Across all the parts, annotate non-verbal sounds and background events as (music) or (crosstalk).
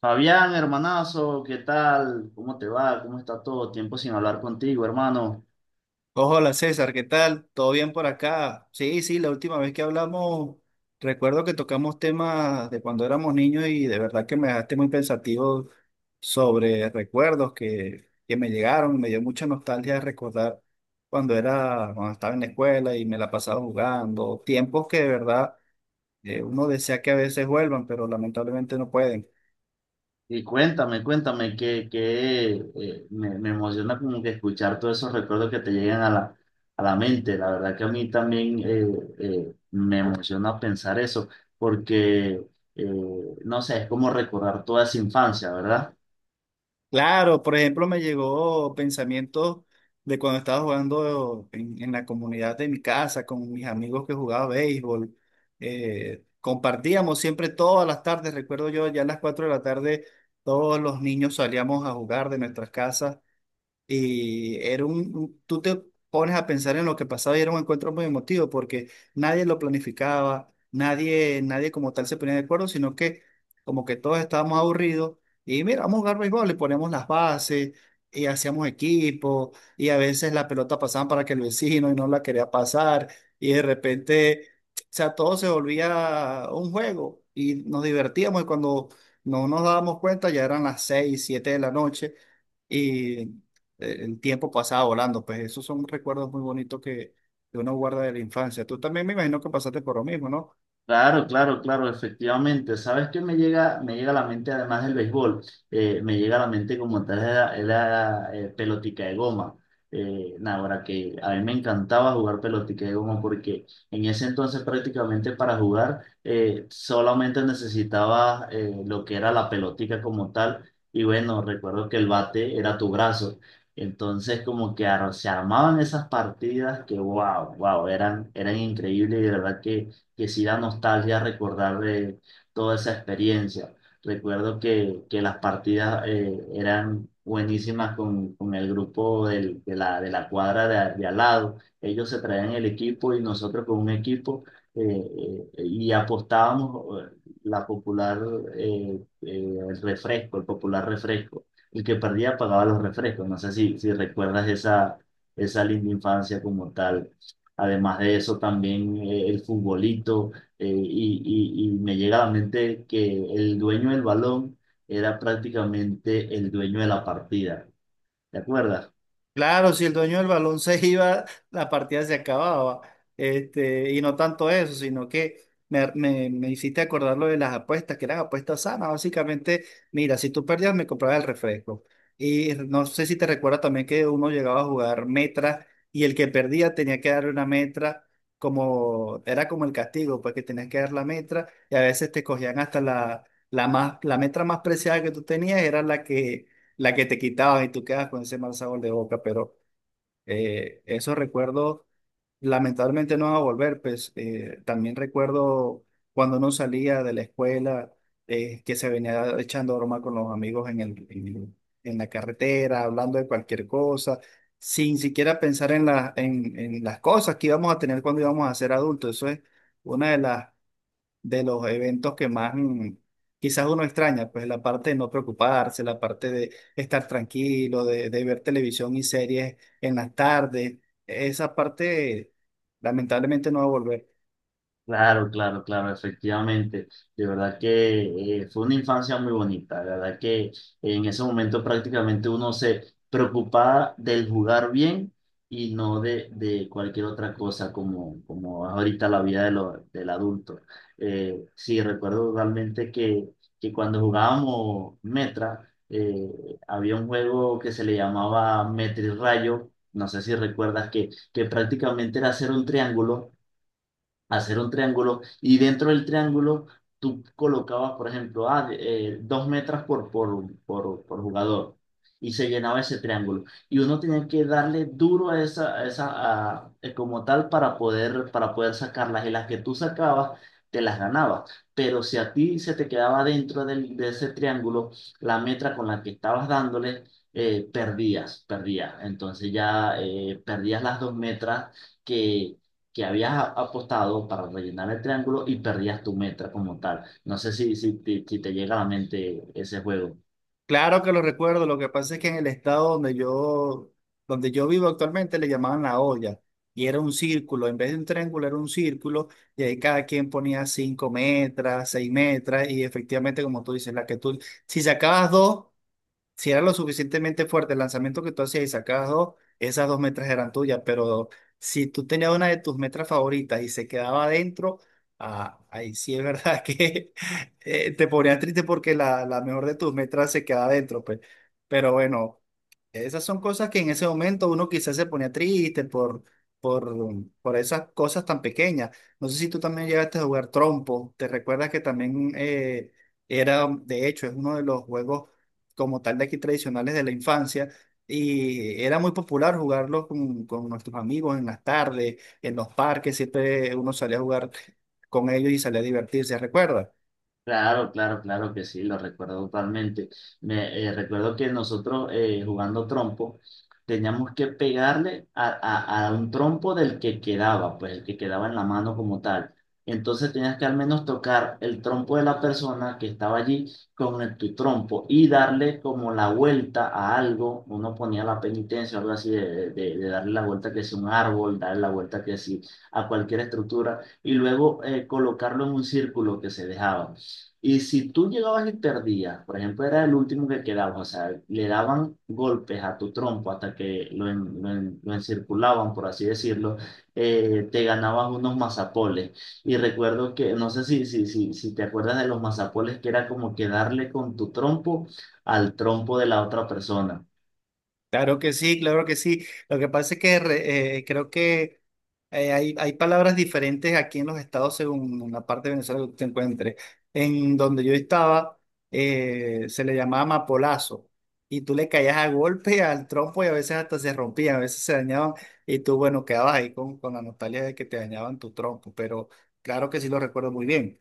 Fabián, hermanazo, ¿qué tal? ¿Cómo te va? ¿Cómo está todo? Tiempo sin hablar contigo, hermano. Hola César, ¿qué tal? ¿Todo bien por acá? Sí, sí, la última vez que hablamos, recuerdo que tocamos temas de cuando éramos niños y de verdad que me dejaste muy pensativo sobre recuerdos que me llegaron, me dio mucha nostalgia recordar cuando estaba en la escuela y me la pasaba jugando, tiempos que de verdad uno desea que a veces vuelvan, pero lamentablemente no pueden. Y cuéntame, que me emociona como que escuchar todos esos recuerdos que te llegan a la mente. La verdad que a mí también me emociona pensar eso, porque, eh, no sé, es como recordar toda esa infancia, ¿verdad? Claro, por ejemplo, me llegó pensamientos de cuando estaba jugando en la comunidad de mi casa con mis amigos que jugaba béisbol. Compartíamos siempre todas las tardes, recuerdo yo, ya a las 4 de la tarde todos los niños salíamos a jugar de nuestras casas y era tú te pones a pensar en lo que pasaba y era un encuentro muy emotivo porque nadie lo planificaba, nadie, nadie como tal se ponía de acuerdo, sino que como que todos estábamos aburridos y mira, vamos a jugar béisbol y poníamos las bases y hacíamos equipo y a veces la pelota pasaba para que el vecino y no la quería pasar y de repente, o sea, todo se volvía un juego y nos divertíamos y cuando no nos dábamos cuenta ya eran las 6, 7 de la noche, el tiempo pasaba volando, pues esos son recuerdos muy bonitos que uno guarda de la infancia. Tú también me imagino que pasaste por lo mismo, ¿no? Claro, claro, claro, efectivamente. ¿Sabes qué me llega a la mente, además del béisbol? Me llega a la mente como tal la pelotica de goma. Nada, ahora que a mí me encantaba jugar pelotica de goma porque en ese entonces prácticamente para jugar solamente necesitaba lo que era la pelotica como tal. Y bueno, recuerdo que el bate era tu brazo. Entonces como que se armaban esas partidas que wow, eran increíbles y de verdad que sí da nostalgia recordar de toda esa experiencia. Recuerdo que las partidas eran buenísimas con el grupo de la cuadra de al lado. Ellos se traían el equipo y nosotros con un equipo eh, y apostábamos la popular, el refresco, el popular refresco. El que perdía pagaba los refrescos. No sé si, si recuerdas esa linda infancia como tal. Además de eso, también el futbolito, y me llega a la mente que el dueño del balón era prácticamente el dueño de la partida. ¿Te acuerdas? Claro, si el dueño del balón se iba, la partida se acababa. Este, y no tanto eso, sino que me hiciste acordar lo de las apuestas, que eran apuestas sanas. Básicamente, mira, si tú perdías, me comprabas el refresco. Y no sé si te recuerdas también que uno llegaba a jugar metra y el que perdía tenía que darle una metra, como era como el castigo, pues que tenías que dar la metra y a veces te cogían hasta la metra más preciada que tú tenías, era la que te quitabas y tú quedas con ese mal sabor de boca, pero esos recuerdos lamentablemente no van a volver, pues también recuerdo cuando uno salía de la escuela, que se venía echando broma con los amigos en la carretera, hablando de cualquier cosa, sin siquiera pensar en las cosas que íbamos a tener cuando íbamos a ser adultos, eso es una de las de los eventos que más quizás uno extraña, pues la parte de no preocuparse, la parte de estar tranquilo, de ver televisión y series en las tardes, esa parte lamentablemente no va a volver. Claro, claro, claro, efectivamente. De verdad que fue una infancia muy bonita. De verdad que en ese momento prácticamente uno se preocupaba del jugar bien y no de cualquier otra cosa como, como es ahorita la vida de del adulto. Sí, recuerdo realmente que cuando jugábamos Metra, había un juego que se le llamaba Metra y Rayo. No sé si recuerdas que prácticamente era hacer un triángulo y dentro del triángulo tú colocabas, por ejemplo, dos metros por jugador y se llenaba ese triángulo. Y uno tenía que darle duro a esa, como tal para poder sacarlas y las que tú sacabas. Te las ganabas, pero si a ti se te quedaba dentro de ese triángulo la metra con la que estabas dándole, perdías, entonces ya perdías las dos metras, que que habías apostado para rellenar el triángulo y perdías tu meta como tal. No sé si te llega a la mente ese juego. Claro que lo recuerdo, lo que pasa es que en el estado donde yo vivo actualmente le llamaban la olla. Y era un círculo, en vez de un triángulo era un círculo, y ahí cada quien ponía 5 metros, 6 metros, y efectivamente, como tú dices, la que tú, si sacabas dos, si era lo suficientemente fuerte el lanzamiento que tú hacías y sacabas dos, esas dos metras eran tuyas, pero si tú tenías una de tus metras favoritas y se quedaba adentro, ah, ahí sí es verdad (laughs) que te ponías triste porque la mejor de tus metras se quedaba adentro, pues. Pero bueno, esas son cosas que en ese momento uno quizás se ponía triste por, por esas cosas tan pequeñas. No sé si tú también llegaste a jugar trompo, te recuerdas que era, de hecho, es uno de los juegos como tal de aquí tradicionales de la infancia. Y era muy popular jugarlo con nuestros amigos en las tardes, en los parques, siempre uno salía a jugar con ellos y salía a divertirse, ¿recuerda? Claro, claro, claro que sí, lo recuerdo totalmente. Recuerdo que nosotros jugando trompo teníamos que pegarle a, a un trompo del que quedaba, pues el que quedaba en la mano como tal. Entonces tenías que al menos tocar el trompo de la persona que estaba allí con tu trompo y darle como la vuelta a algo. Uno ponía la penitencia, algo así, de darle la vuelta que sea un árbol, darle la vuelta que sí a cualquier estructura y luego colocarlo en un círculo que se dejaba. Y si tú llegabas y perdías, por ejemplo, era el último que quedaba, o sea, le daban golpes a tu trompo hasta que lo encirculaban, por así decirlo, te ganabas unos mazapoles. Y recuerdo que, no sé si te acuerdas de los mazapoles, que era como que darle con tu trompo al trompo de la otra persona. Claro que sí, claro que sí. Lo que pasa es que creo que hay palabras diferentes aquí en los estados según la parte de Venezuela que te encuentres. En donde yo estaba, se le llamaba mapolazo y tú le caías a golpe al trompo y a veces hasta se rompían, a veces se dañaban y tú, bueno, quedabas ahí con la nostalgia de que te dañaban tu trompo, pero claro que sí lo recuerdo muy bien.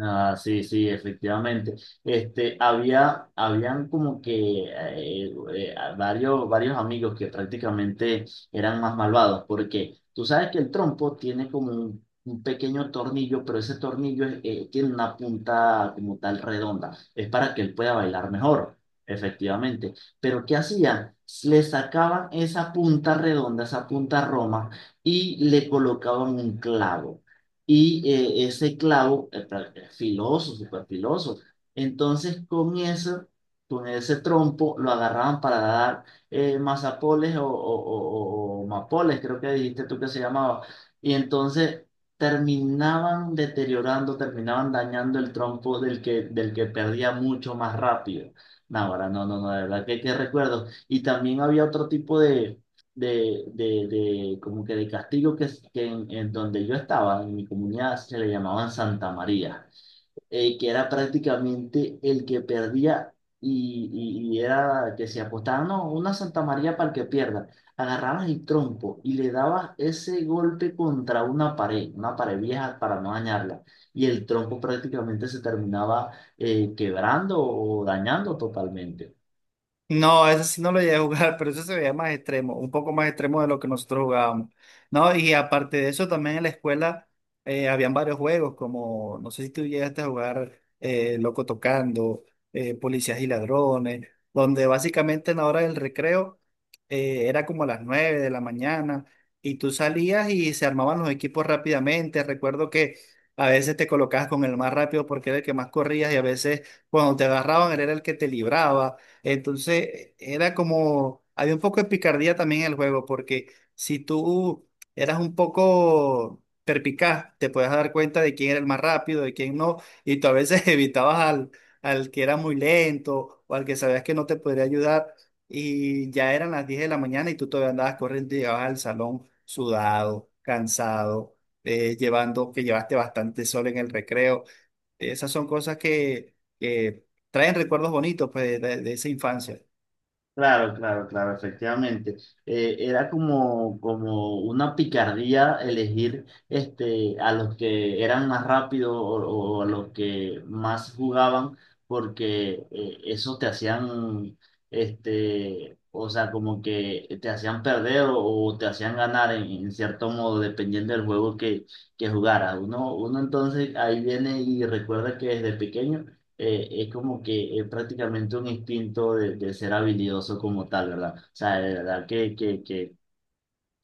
Ah, sí, sí, efectivamente. Este, habían como que varios amigos que prácticamente eran más malvados, porque tú sabes que el trompo tiene como un pequeño tornillo, pero ese tornillo tiene una punta como tal redonda. Es para que él pueda bailar mejor, efectivamente. Pero ¿qué hacían? Le sacaban esa punta redonda, esa punta roma, y le colocaban un clavo y ese clavo es filoso, súper filoso. Entonces, con eso, con ese trompo, lo agarraban para dar mazapoles o mapoles, creo que dijiste tú que se llamaba. Y entonces terminaban deteriorando, terminaban dañando el trompo del que perdía mucho más rápido. No, ahora no, no, no, de verdad que recuerdo. Y también había otro tipo de como que de castigo que en donde yo estaba, en mi comunidad, se le llamaban Santa María, que era prácticamente el que perdía y, y era que se apostaban, no, una Santa María para el que pierda. Agarrabas el trompo y le dabas ese golpe contra una pared vieja para no dañarla. Y el trompo prácticamente se terminaba quebrando o dañando totalmente. No, ese sí no lo llegué a jugar, (laughs) pero eso se veía más extremo, un poco más extremo de lo que nosotros jugábamos, ¿no? Y aparte de eso, también en la escuela habían varios juegos, como, no sé si tú llegaste a jugar Loco Tocando, Policías y Ladrones, donde básicamente en la hora del recreo era como a las 9 de la mañana y tú salías y se armaban los equipos rápidamente. Recuerdo que a veces te colocabas con el más rápido porque era el que más corrías y a veces cuando te agarraban él era el que te libraba. Entonces, era como, había un poco de picardía también en el juego, porque si tú eras un poco perpicaz, te podías dar cuenta de quién era el más rápido, de quién no, y tú a veces (laughs) evitabas al que era muy lento o al que sabías que no te podría ayudar, y ya eran las 10 de la mañana y tú todavía andabas corriendo y llegabas al salón sudado, cansado, llevando, que llevaste bastante sol en el recreo. Esas son cosas que traen recuerdos bonitos pues, de esa infancia. Claro, claro, claro, efectivamente. Era como, como una picardía elegir este, a los que eran más rápidos o a los que más jugaban, porque eso te hacían, este, o sea, como que te hacían perder o te hacían ganar en cierto modo, dependiendo del juego que jugaras. Uno entonces ahí viene y recuerda que desde pequeño es como que es prácticamente un instinto de ser habilidoso como tal, ¿verdad? O sea, de verdad que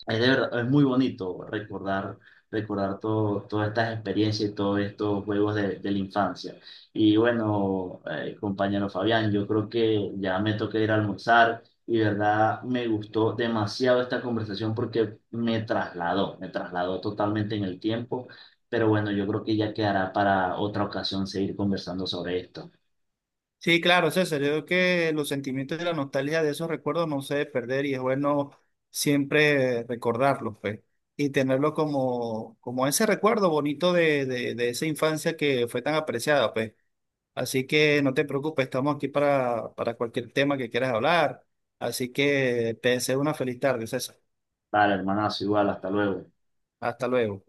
es, es muy bonito recordar, recordar todo, todas estas experiencias y todos estos juegos de la infancia. Y bueno, compañero Fabián, yo creo que ya me toca ir a almorzar y de verdad me gustó demasiado esta conversación porque me trasladó totalmente en el tiempo. Pero bueno, yo creo que ya quedará para otra ocasión seguir conversando sobre esto. Sí, claro, César, yo creo que los sentimientos de la nostalgia de esos recuerdos no se debe perder y es bueno siempre recordarlos, pues, y tenerlo como, como ese recuerdo bonito de, de esa infancia que fue tan apreciada, pues. Así que no te preocupes, estamos aquí para cualquier tema que quieras hablar. Así que te deseo una feliz tarde, César. Vale, hermanazo, igual, hasta luego. Hasta luego.